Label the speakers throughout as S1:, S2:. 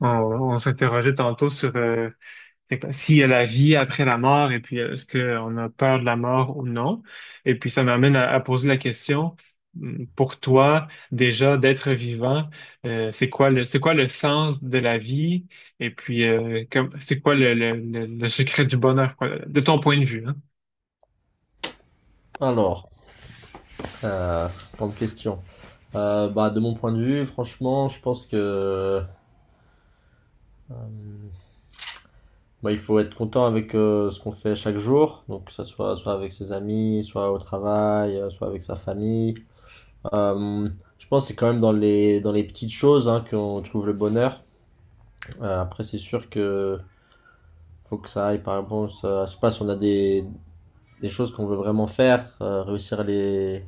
S1: On, on s'interrogeait tantôt sur c'est s'il y a la vie après la mort et puis est-ce qu'on a peur de la mort ou non. Et puis ça m'amène à poser la question, pour toi, déjà d'être vivant, c'est quoi c'est quoi le sens de la vie et puis c'est quoi le secret du bonheur, quoi, de ton point de vue, hein?
S2: Alors, euh, Grande question. De mon point de vue, franchement, je pense que il faut être content avec ce qu'on fait chaque jour, donc que ce soit avec ses amis, soit au travail, soit avec sa famille. Euh, je pense que c'est quand même dans les petites choses hein, qu'on trouve le bonheur. Après, c'est sûr que faut que ça aille, par exemple. Ça, je sais pas si on a des choses qu'on veut vraiment faire, réussir à les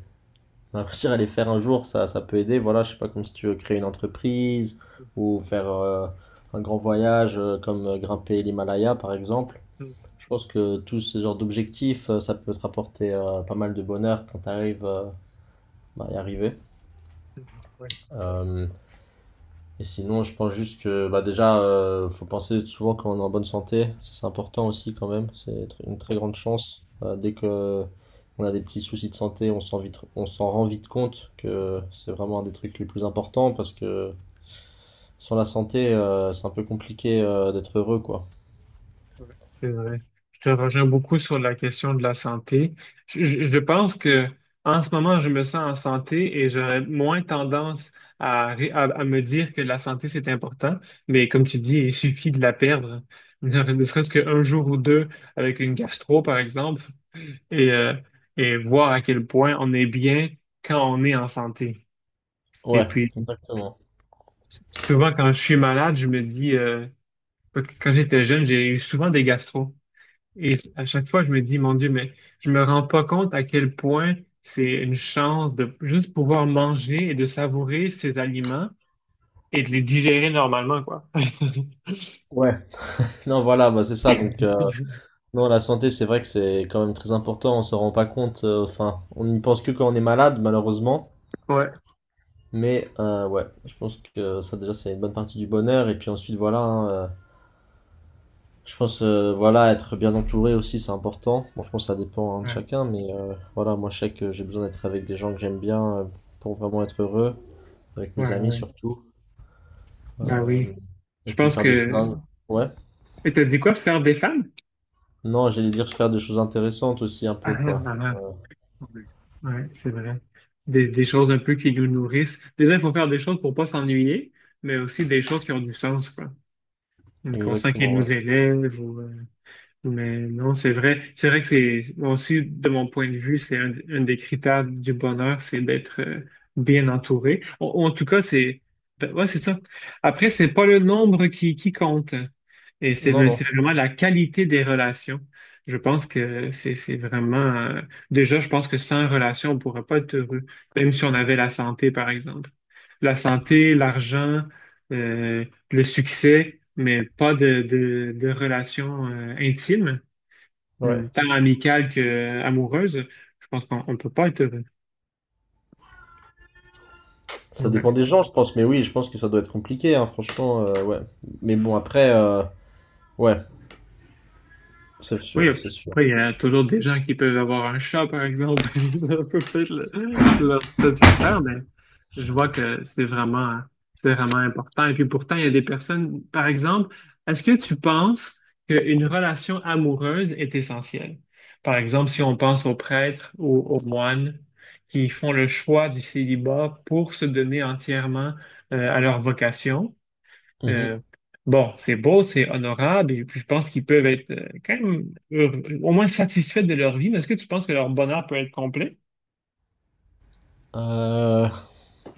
S2: Réussir à les faire un jour, ça peut aider. Voilà, je sais pas, comme si tu veux créer une entreprise ou faire un grand voyage, comme grimper l'Himalaya par exemple.
S1: Mhm,
S2: Je pense
S1: mhm,
S2: que tous ces genres d'objectifs, ça peut te rapporter pas mal de bonheur quand tu arrives à y arriver.
S1: mhm, ouais,
S2: Euh, Et sinon, je pense juste que déjà, faut penser souvent quand on est en bonne santé. Ça, c'est important aussi quand même. C'est une très grande chance. Dès que on a des petits soucis de santé, on s'en rend vite compte que
S1: ouais.
S2: c'est vraiment un des trucs les plus importants, parce que sans la santé, c'est un peu compliqué d'être heureux, quoi.
S1: Ouais, c'est vrai. Je te rejoins beaucoup sur la question de la santé. Je pense que en ce moment, je me sens en santé et j'aurais moins tendance à me dire que la santé, c'est important. Mais comme tu dis, il suffit de la perdre, ne serait-ce qu'un jour ou deux avec une gastro, par exemple, et, euh, et voir à quel point on est bien quand on est en santé. Et
S2: Ouais,
S1: puis,
S2: exactement.
S1: souvent, quand je suis malade, je me dis, quand j'étais jeune, j'ai eu souvent des gastros. Et à chaque fois, je me dis, mon Dieu, mais je me rends pas compte à quel point c'est une chance de juste pouvoir manger et de savourer ces aliments et de les digérer normalement, quoi.
S2: Ouais. Non, voilà, bah c'est ça. Donc, non, la santé, c'est vrai que c'est quand même très important. On s'en rend pas compte. Enfin, on n'y pense que quand on est malade, malheureusement.
S1: Ouais,
S2: Mais ouais, je pense que ça déjà c'est une bonne partie du bonheur. Et puis ensuite voilà, hein, je pense voilà, être bien entouré aussi c'est important. Bon, je pense que ça dépend hein, de
S1: ouais,
S2: chacun, mais voilà, moi je sais que j'ai besoin d'être avec des gens que j'aime bien, pour vraiment être heureux, avec
S1: ouais,
S2: mes amis
S1: ouais.
S2: surtout.
S1: Ben
S2: Euh,
S1: oui. Je
S2: et puis
S1: pense
S2: faire des
S1: que...
S2: choses. Ouais.
S1: Et t'as dit quoi, faire des femmes?
S2: Non, j'allais dire faire des choses intéressantes aussi un
S1: Ah,
S2: peu
S1: ah,
S2: quoi.
S1: ah, ah. Ouais, c'est vrai. Des choses un peu qui nous nourrissent. Déjà, il faut faire des choses pour pas s'ennuyer, mais aussi des choses qui ont du sens, quoi. Qu'on sent qu'ils
S2: Exactement, ouais.
S1: nous élèvent ou... Mais non, c'est vrai. C'est vrai que c'est moi aussi, de mon point de vue, c'est un des critères du bonheur, c'est d'être bien entouré. En tout cas, c'est ben, ouais, c'est ça. Après, c'est pas le nombre qui compte. Et c'est
S2: Non
S1: mais
S2: non.
S1: c'est vraiment la qualité des relations. Je pense que c'est vraiment déjà, je pense que sans relation, on pourrait pas être heureux, même si on avait la santé, par exemple. La santé, l'argent, euh, le succès, mais pas de relations intimes.
S2: Ouais.
S1: Tant amicale que amoureuse, je pense qu'on ne peut pas être heureux.
S2: Ça dépend
S1: Ouais.
S2: des gens je pense, mais oui je pense que ça doit être compliqué hein, franchement ouais. Mais bon après ouais, c'est
S1: Oui,
S2: sûr c'est sûr.
S1: après, il y a toujours des gens qui peuvent avoir un chat, par exemple, et on peut peut-être leur satisfaire, mais je vois que c'est c'est vraiment important. Et puis pourtant, il y a des personnes, par exemple, est-ce que tu penses qu'une relation amoureuse est essentielle? Par exemple, si on pense aux prêtres ou aux moines qui font le choix du célibat pour se donner entièrement à leur vocation.
S2: Mhm.
S1: Euh, bon, c'est beau, c'est honorable, et puis je pense qu'ils peuvent être quand même au moins satisfaits de leur vie, mais est-ce que tu penses que leur bonheur peut être complet?
S2: Euh,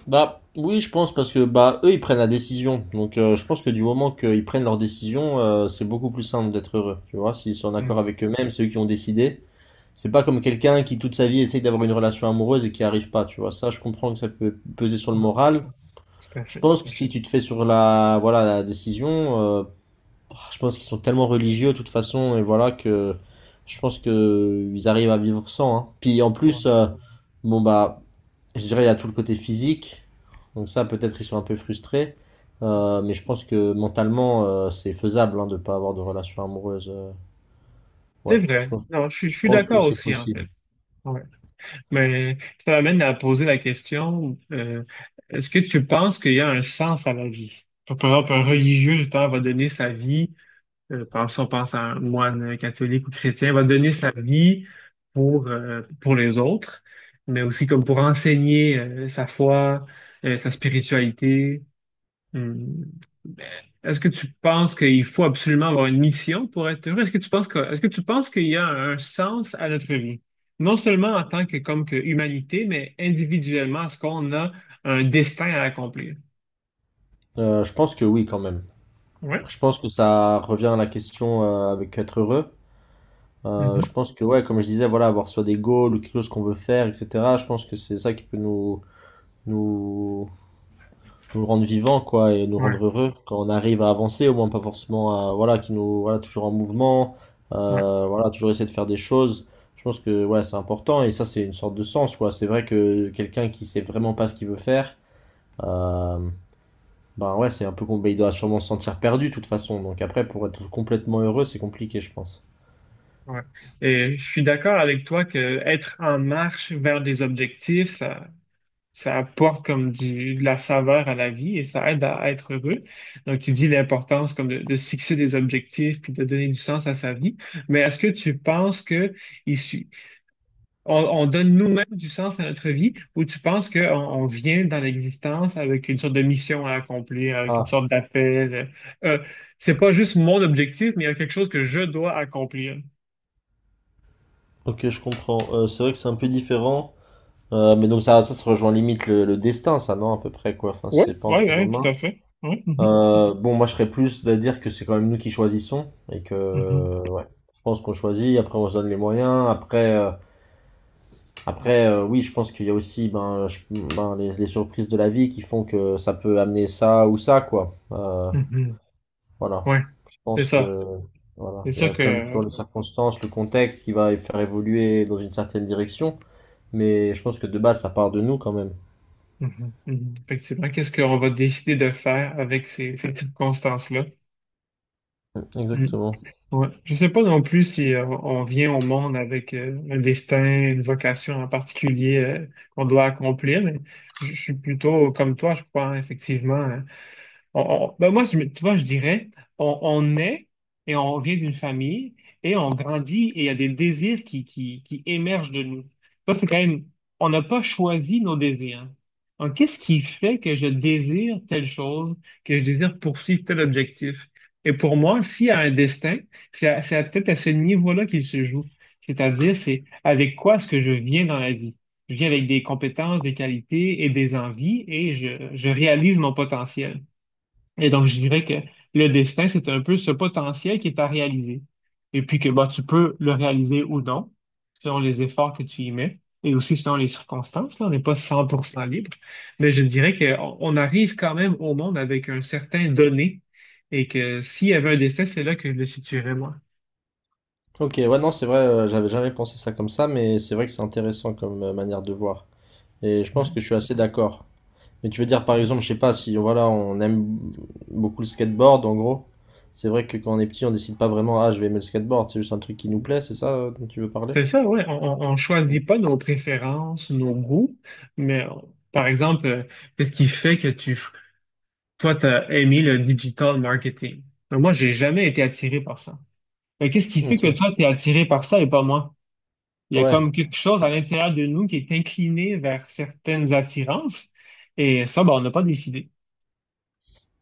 S2: Bah oui, je pense, parce que bah eux ils prennent la décision. Donc je pense que du moment qu'ils prennent leur décision, c'est beaucoup plus simple d'être heureux. Tu vois, s'ils sont en accord
S1: Hmm,
S2: avec eux-mêmes, c'est eux qui ont décidé. C'est pas comme quelqu'un qui toute sa vie essaye d'avoir une relation amoureuse et qui arrive pas. Tu vois, ça je comprends que ça peut peser sur le
S1: ouais,
S2: moral.
S1: tout à
S2: Je
S1: fait.
S2: pense que si tu te fais sur la voilà la décision, Oh, je pense qu'ils sont tellement religieux de toute façon et voilà que je pense que ils arrivent à vivre sans, hein. Puis en
S1: Ouais.
S2: plus, bon bah, je dirais il y a tout le côté physique. Donc ça, peut-être ils sont un peu frustrés. Mais je pense que mentalement, c'est faisable hein, de pas avoir de relation amoureuse.
S1: C'est
S2: Ouais,
S1: vrai. Non, je
S2: je
S1: suis
S2: pense que
S1: d'accord
S2: c'est
S1: aussi, en fait.
S2: possible.
S1: Ouais. Mais ça m'amène à poser la question, est-ce que tu penses qu'il y a un sens à la vie? Par exemple, un religieux, justement, va donner sa vie. Pense, si on pense à un moine catholique ou chrétien, va donner sa vie pour les autres, mais aussi comme pour enseigner sa foi, sa spiritualité. Hum, ben, est-ce que tu penses qu'il faut absolument avoir une mission pour être heureux? Est-ce que tu penses que, est-ce que tu penses qu'il y a un sens à notre vie? Non seulement en tant que, comme que humanité, mais individuellement, est-ce qu'on a un destin à accomplir?
S2: Je pense que oui quand même.
S1: Ouais.
S2: Je pense que ça revient à la question avec être heureux. Je
S1: Mhm.
S2: pense que ouais, comme je disais, voilà, avoir soit des goals ou quelque chose qu'on veut faire, etc. Je pense que c'est ça qui peut nous, nous rendre vivants quoi, et nous
S1: Ouais.
S2: rendre heureux quand on arrive à avancer, au moins pas forcément à, voilà, qui nous, voilà, toujours en mouvement,
S1: Ouais.
S2: voilà, toujours essayer de faire des choses. Je pense que ouais, c'est important, et ça c'est une sorte de sens quoi. C'est vrai que quelqu'un qui sait vraiment pas ce qu'il veut faire, euh, ouais, c'est un peu compliqué, il doit sûrement se sentir perdu de toute façon, donc après pour être complètement heureux c'est compliqué je pense.
S1: Ouais. Et je suis d'accord avec toi que être en marche vers des objectifs, ça apporte comme du, de la saveur à la vie et ça aide être heureux. Donc, tu dis l'importance comme de se fixer des objectifs puis de donner du sens à sa vie. Mais est-ce que tu penses que il su- on donne nous-mêmes du sens à notre vie ou tu penses qu'on on vient dans l'existence avec une sorte de mission à accomplir, avec une
S2: Ah,
S1: sorte d'appel? Euh, c'est pas juste mon objectif, mais il y a quelque chose que je dois accomplir.
S2: ok, je comprends. C'est vrai que c'est un peu différent. Mais donc ça se rejoint limite le destin, ça non? À peu près quoi, enfin si
S1: Oui,
S2: c'est pas entre
S1: oui,
S2: nos
S1: oui, tout
S2: mains.
S1: à fait. Oui, mhm,
S2: Moi je serais plus de dire que c'est quand même nous qui choisissons, et que
S1: mhm,
S2: ouais, je pense qu'on choisit. Après, on se donne les moyens. Oui, je pense qu'il y a aussi ben, les surprises de la vie qui font que ça peut amener ça ou ça quoi.
S1: mhm.
S2: Voilà.
S1: Ouais,
S2: Je
S1: c'est
S2: pense
S1: ça.
S2: que voilà,
S1: C'est
S2: il y
S1: ça
S2: a quand même
S1: que,
S2: toujours les circonstances, le contexte qui va faire évoluer dans une certaine direction. Mais je pense que de base, ça part de nous quand même.
S1: mhm, mhm, effectivement, qu'est-ce qu'on va décider de faire avec ces circonstances-là?
S2: Mm,
S1: Mm.
S2: exactement.
S1: Ouais. Je ne sais pas non plus si on vient au monde avec un destin, une vocation en particulier qu'on doit accomplir, mais je suis plutôt comme toi, je crois, hein, effectivement, hein, on- ben moi, tu vois, je dirais, on naît et on vient d'une famille et on grandit et il y a des désirs qui émergent de nous. Ça, c'est quand même, on n'a pas choisi nos désirs. Donc, qu'est-ce qui fait que je désire telle chose, que je désire poursuivre tel objectif? Et pour moi, s'il y a un destin, c'est peut-être à ce niveau-là qu'il se joue. C'est-à-dire, c'est avec quoi est-ce que je viens dans la vie? Je viens avec des compétences, des qualités et des envies et je réalise mon potentiel. Et donc, je dirais que le destin, c'est un peu ce potentiel qui est à réaliser. Et puis que bah, tu peux le réaliser ou non, selon les efforts que tu y mets et aussi selon les circonstances. Là, on n'est pas 100% libre, mais je dirais qu'on on arrive quand même au monde avec un certain donné et que s'il y avait un destin, c'est là que je le situerais moi.
S2: Ok, ouais, non, c'est vrai, j'avais jamais pensé ça comme ça, mais c'est vrai que c'est intéressant comme manière de voir. Et je pense
S1: Hein?
S2: que je suis assez d'accord. Mais tu veux dire, par exemple, je sais pas, si voilà, on aime beaucoup le skateboard, en gros, c'est vrai que quand on est petit, on décide pas vraiment, ah, je vais aimer le skateboard, c'est juste un truc qui nous plaît, c'est ça dont tu veux parler?
S1: C'est ça, oui. On ne choisit pas nos préférences, nos goûts, mais par exemple, qu'est-ce qui fait que tu toi, tu as aimé le digital marketing. Mais moi, j'ai jamais été attiré par ça. Mais qu'est-ce qui fait
S2: Ok,
S1: que toi, tu es attiré par ça et pas moi? Il y a
S2: ouais,
S1: comme quelque chose à l'intérieur de nous qui est incliné vers certaines attirances. Et ça, ben, on n'a pas décidé.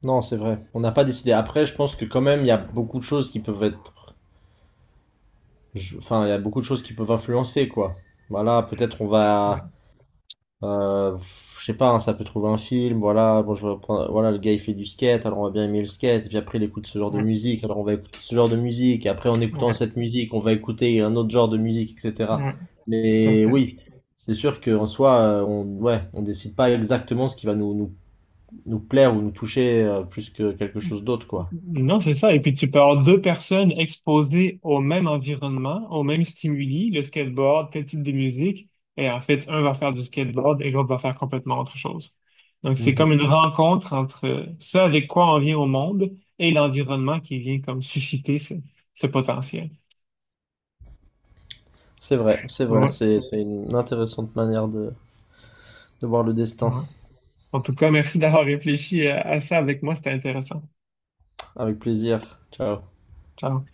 S2: non, c'est vrai. On n'a pas décidé. Après, je pense que quand même, il y a beaucoup de choses qui peuvent être. Enfin, il y a beaucoup de choses qui peuvent influencer, quoi. Voilà, peut-être on
S1: Ouais,
S2: va. Euh, je sais pas, hein, ça peut trouver un film, voilà, bon, voilà, le gars il fait du skate, alors on va bien aimer le skate, et puis après il écoute ce genre de
S1: ouais,
S2: musique, alors on va écouter ce genre de musique, et après en écoutant
S1: ouais,
S2: cette musique, on va écouter un autre genre de musique, etc.
S1: ouais, tout à
S2: Mais
S1: fait.
S2: oui, c'est sûr qu'en soi, on, ouais, on décide pas exactement ce qui va nous plaire ou nous toucher plus que quelque chose d'autre, quoi.
S1: Non, c'est ça. Et puis tu peux avoir deux personnes exposées au même environnement, au même stimuli, le skateboard, tel type de musique, et en fait, un va faire du skateboard et l'autre va faire complètement autre chose. Donc c'est comme
S2: Mhm.
S1: une rencontre entre ce avec quoi on vient au monde et l'environnement qui vient comme susciter ce potentiel.
S2: C'est vrai, c'est vrai,
S1: Ouais,
S2: c'est une intéressante manière de voir le destin.
S1: ouais. En tout cas, merci d'avoir réfléchi à ça avec moi, c'était intéressant.
S2: Avec plaisir. Ciao.
S1: Ciao.